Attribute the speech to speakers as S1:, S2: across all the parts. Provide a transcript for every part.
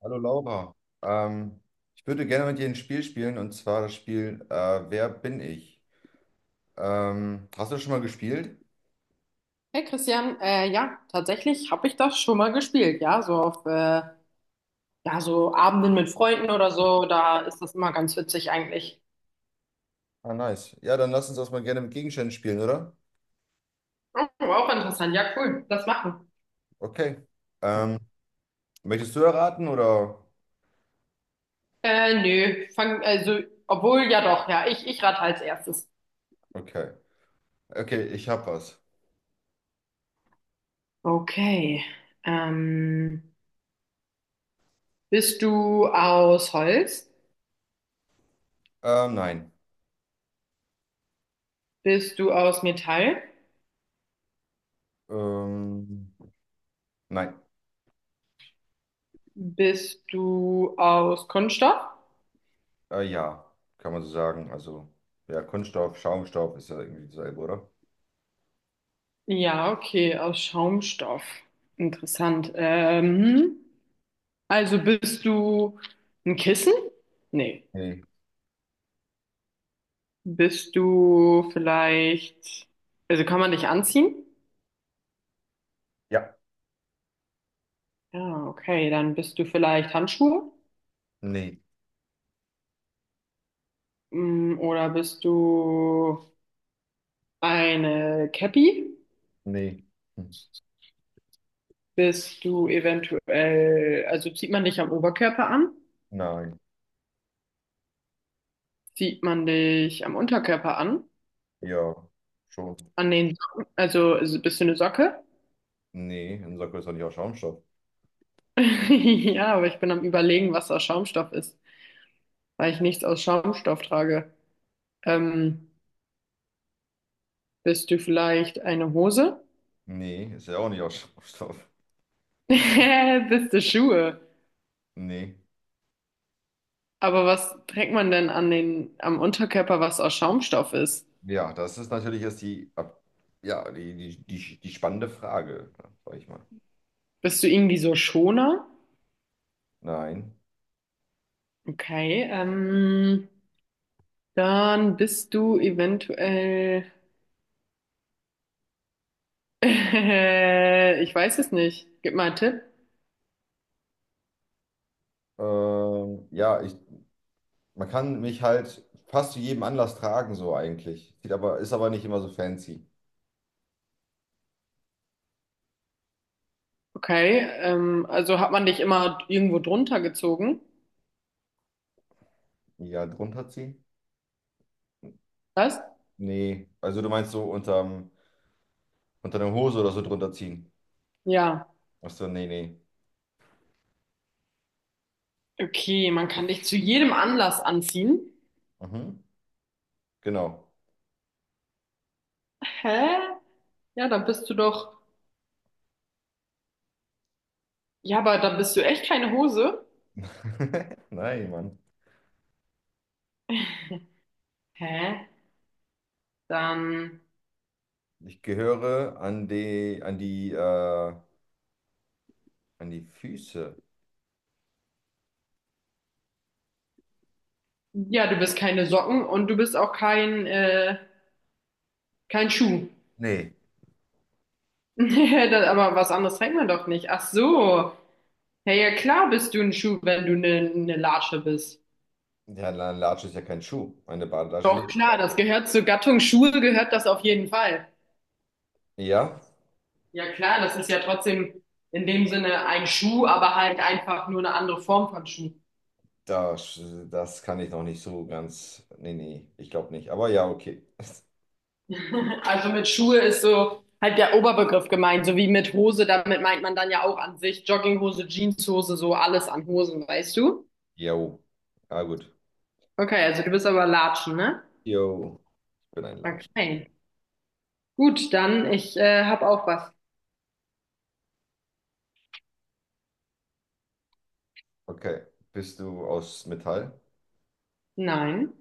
S1: Hallo Laura, ähm, ich würde gerne mit dir ein Spiel spielen und zwar das Spiel Wer bin ich? Hast du das schon mal gespielt?
S2: Hey Christian, ja, tatsächlich habe ich das schon mal gespielt, ja, so auf ja, so Abenden mit Freunden oder so, da ist das immer ganz witzig eigentlich.
S1: Ah, nice. Ja, dann lass uns das mal gerne mit Gegenständen spielen, oder?
S2: Aber auch interessant, ja, cool, das machen.
S1: Okay. Ähm, möchtest du erraten oder?
S2: Nö, fang, also, obwohl, ja doch, ja, ich rate als erstes.
S1: Okay. Okay, ich hab was.
S2: Okay, ähm, bist du aus Holz?
S1: Nein.
S2: Bist du aus Metall?
S1: Ähm, nein.
S2: Bist du aus Kunststoff?
S1: Ja, kann man so sagen. Also, ja, Kunststoff, Schaumstoff ist ja irgendwie dasselbe, oder?
S2: Ja, okay, aus Schaumstoff. Interessant. Also bist du ein Kissen? Nee.
S1: Nee.
S2: Bist du vielleicht, also kann man dich anziehen?
S1: Ja.
S2: Ja, okay, dann bist du vielleicht Handschuhe?
S1: Nee.
S2: Oder bist du eine Cappy?
S1: Nee. Hm.
S2: Bist du eventuell, also zieht man dich am Oberkörper an?
S1: Nein.
S2: Zieht man dich am Unterkörper an?
S1: Ja, schon.
S2: An den Socken? Also bist du eine Socke?
S1: Nee, ein Sakko ist doch nicht aus Schaumstoff.
S2: Ja, aber ich bin am Überlegen, was aus Schaumstoff ist, weil ich nichts aus Schaumstoff trage. Ähm, Bist du vielleicht eine Hose?
S1: Nee, ist ja auch nicht aus Schaumstoff.
S2: Bist du Schuhe?
S1: Nee.
S2: Aber was trägt man denn an den, am Unterkörper, was aus Schaumstoff ist?
S1: Ja, das ist natürlich jetzt die, ja, die spannende Frage, sag ich mal.
S2: Bist du irgendwie so Schoner?
S1: Nein.
S2: Okay, dann bist du eventuell. Ich weiß es nicht. Gib mal einen Tipp.
S1: Ja, man kann mich halt fast zu jedem Anlass tragen, so eigentlich. Sieht aber, ist aber nicht immer so fancy.
S2: Okay, also hat man dich immer irgendwo drunter gezogen?
S1: Ja, drunter ziehen?
S2: Was?
S1: Nee. Also du meinst so unterm, unter der Hose oder so drunter ziehen?
S2: Ja.
S1: Ach so, nee, nee.
S2: Okay, man kann dich zu jedem Anlass anziehen.
S1: Mhm. Genau.
S2: Hä? Ja, dann bist du doch. Ja, aber dann bist du echt keine Hose.
S1: Nein, Mann.
S2: Hä? Dann.
S1: Ich gehöre an die, an die Füße.
S2: Ja, du bist keine Socken und du bist auch kein, kein Schuh.
S1: Nee,
S2: Das- Aber was anderes trägt man doch nicht. Ach so. Ja, ja, klar bist du ein Schuh, wenn du eine Latsche bist.
S1: ja, eine Latsche ist ja kein Schuh. Eine Badelatsch ist
S2: Doch,
S1: eine
S2: klar, das gehört zur Gattung Schuhe, gehört das auf jeden Fall.
S1: Ja,
S2: Ja, klar, das ist ja trotzdem in dem Sinne ein Schuh, aber halt einfach nur eine andere Form von Schuh.
S1: das, das kann ich noch nicht so ganz. Nee, nee, ich glaube nicht. Aber ja, okay.
S2: Also mit Schuhe ist so halt der Oberbegriff gemeint, so wie mit Hose, damit meint man dann ja auch an sich Jogginghose, Jeanshose, so alles an Hosen, weißt du?
S1: Jo. Ah gut.
S2: Okay, also du bist aber Latschen, ne?
S1: Jo, ich bin ein Latsch.
S2: Okay. Gut, dann ich hab auch was.
S1: Okay. Bist du aus Metall?
S2: Nein,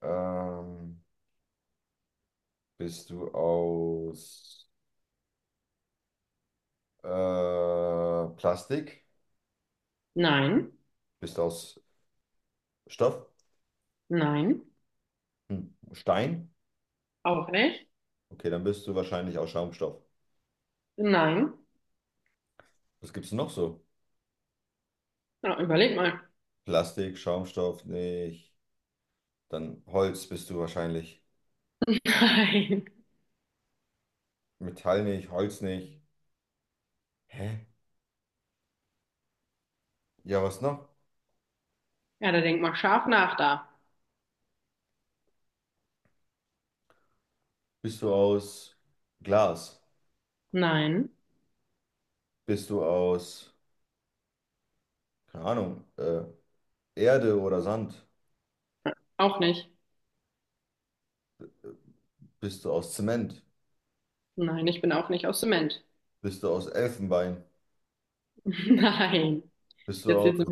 S1: Ähm, bist du aus äh, Plastik?
S2: nein,
S1: Bist du aus Stoff?
S2: nein,
S1: Hm. Stein?
S2: auch nicht.
S1: Okay, dann bist du wahrscheinlich aus Schaumstoff.
S2: Nein.
S1: Was gibt's noch so?
S2: Ja, überleg mal.
S1: Plastik, Schaumstoff nicht. Dann Holz bist du wahrscheinlich.
S2: Nein.
S1: Metall nicht, Holz nicht. Hä? Ja, was noch?
S2: Ja, da denk mal scharf nach da.
S1: Bist du aus Glas?
S2: Nein,
S1: Bist du aus, keine Ahnung, Erde oder Sand?
S2: auch nicht.
S1: Bist du aus Zement?
S2: Nein, ich bin auch nicht aus Zement.
S1: Bist du aus Elfenbein?
S2: Nein.
S1: Bist du
S2: Jetzt
S1: aus
S2: jetzt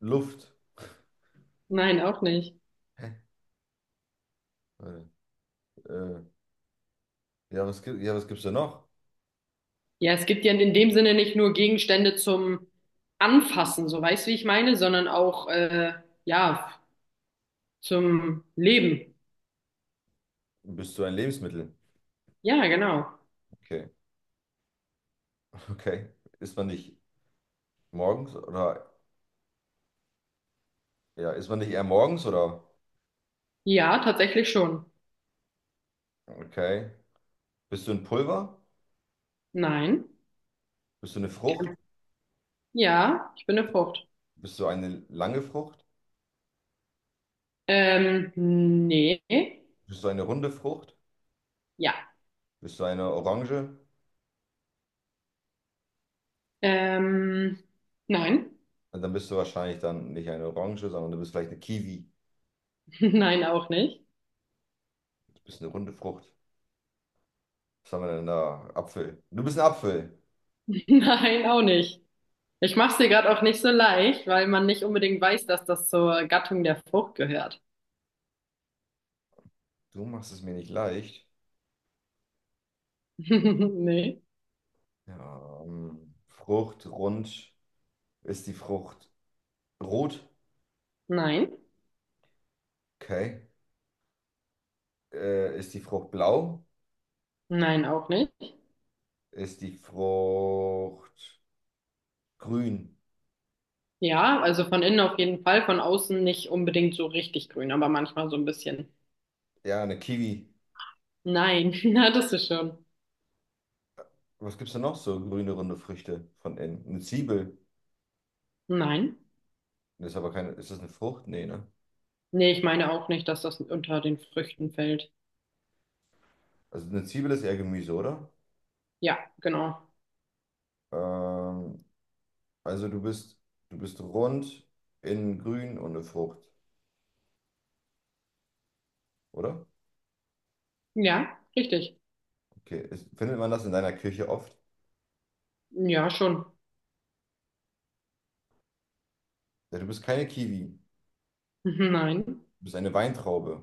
S1: Luft?
S2: Nein, auch nicht.
S1: Hä? Warte, Äh, ja, ja, was gibt's da noch?
S2: Ja, es gibt ja in dem Sinne nicht nur Gegenstände zum Anfassen, so weißt du, wie ich meine, sondern auch ja zum Leben.
S1: Bist du ein Lebensmittel?
S2: Ja, genau.
S1: Okay, okay. Isst man nicht morgens oder, ja, isst man nicht eher morgens oder?
S2: Ja, tatsächlich schon.
S1: Okay. Bist du ein Pulver?
S2: Nein.
S1: Bist du eine Frucht?
S2: Kein- Ja, ich bin eine Frucht.
S1: Bist du eine lange Frucht?
S2: Nee.
S1: Bist du eine runde Frucht?
S2: Ja.
S1: Bist du eine Orange?
S2: Ähm, nein.
S1: Und dann bist du wahrscheinlich dann nicht eine Orange, sondern du bist vielleicht eine Kiwi.
S2: Nein, auch nicht.
S1: Du bist eine runde Frucht. Was haben wir denn da? Apfel. Du bist ein Apfel.
S2: Nein, auch nicht. Ich mach's dir gerade auch nicht so leicht, weil man nicht unbedingt weiß, dass das zur Gattung der Frucht gehört.
S1: Du machst es mir nicht leicht.
S2: Nee.
S1: Ja, Frucht, rund. Ist die Frucht rot?
S2: Nein.
S1: Okay. Ist die Frucht blau?
S2: Nein, auch nicht.
S1: Ist die Frucht grün?
S2: Ja, also von innen auf jeden Fall, von außen nicht unbedingt so richtig grün, aber manchmal so ein bisschen.
S1: Ja, eine Kiwi.
S2: Nein, na, das ist schon.
S1: Was gibt's denn noch so grüne, runde Früchte von innen? Eine Zwiebel.
S2: Nein.
S1: Das ist aber keine. Ist das eine Frucht? Nee, ne?
S2: Nee, ich meine auch nicht, dass das unter den Früchten fällt.
S1: Also eine Zwiebel ist eher Gemüse, oder?
S2: Ja, genau.
S1: Ähm, also du bist rund, innen grün und eine Frucht, oder?
S2: Ja, richtig.
S1: Okay. Ist, findet man das in deiner Küche oft?
S2: Ja, schon.
S1: Ja, du bist keine Kiwi.
S2: Nein,
S1: Du bist eine Weintraube.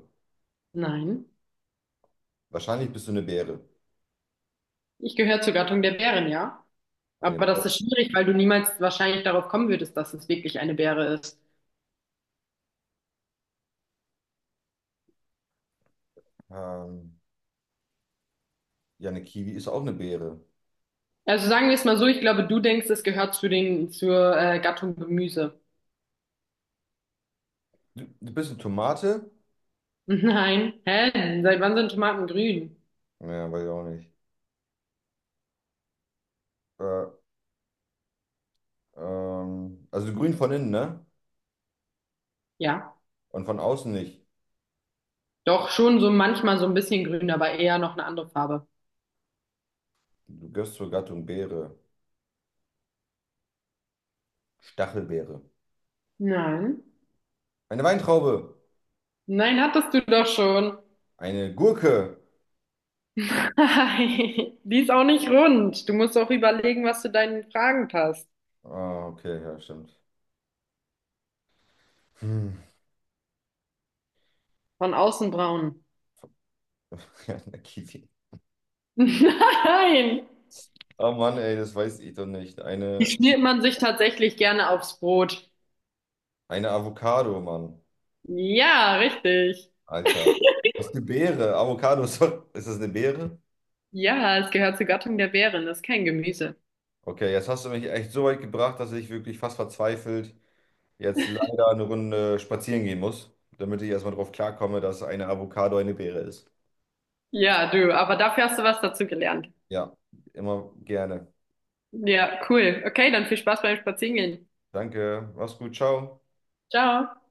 S2: nein.
S1: Wahrscheinlich bist du eine Beere.
S2: Ich gehöre zur Gattung der Bären, ja.
S1: Eine,
S2: Aber das ist schwierig, weil du niemals wahrscheinlich darauf kommen würdest, dass es wirklich eine Beere ist.
S1: ähm, ja, eine Kiwi ist auch eine Beere.
S2: Also sagen wir es mal so, ich glaube, du denkst, es gehört zu den, zur Gattung Gemüse.
S1: Du bist eine Tomate?
S2: Nein. Hä? Seit wann sind Tomaten grün?
S1: Ja, weiß ich auch nicht. Äh, also grün von innen, ne?
S2: Ja,
S1: Und von außen nicht.
S2: doch schon so manchmal so ein bisschen grün, aber eher noch eine andere Farbe.
S1: Du gehörst zur Gattung Beere. Stachelbeere.
S2: Nein.
S1: Eine Weintraube.
S2: Nein, hattest du doch schon.
S1: Eine Gurke.
S2: Die ist auch nicht rund. Du musst auch überlegen, was zu deinen Fragen passt.
S1: Ah, okay, ja, stimmt. Hm.
S2: Von außen braun.
S1: Ja, eine Kiwi.
S2: Nein,
S1: Oh Mann, ey, das weiß ich doch nicht.
S2: die schmiert man sich tatsächlich gerne aufs Brot.
S1: Eine Avocado, Mann.
S2: Ja, richtig.
S1: Alter. Was ist eine Beere? Avocado, ist doch- ist das eine Beere?
S2: Ja, es gehört zur Gattung der Beeren. Das ist kein Gemüse.
S1: Okay, jetzt hast du mich echt so weit gebracht, dass ich wirklich fast verzweifelt jetzt leider eine Runde spazieren gehen muss, damit ich erstmal drauf klarkomme, dass eine Avocado eine Beere ist.
S2: Ja, du, aber dafür hast du was dazu gelernt.
S1: Ja, immer gerne.
S2: Ja, cool. Okay, dann viel Spaß beim Spazierengehen.
S1: Danke, mach's gut, ciao.
S2: Ciao.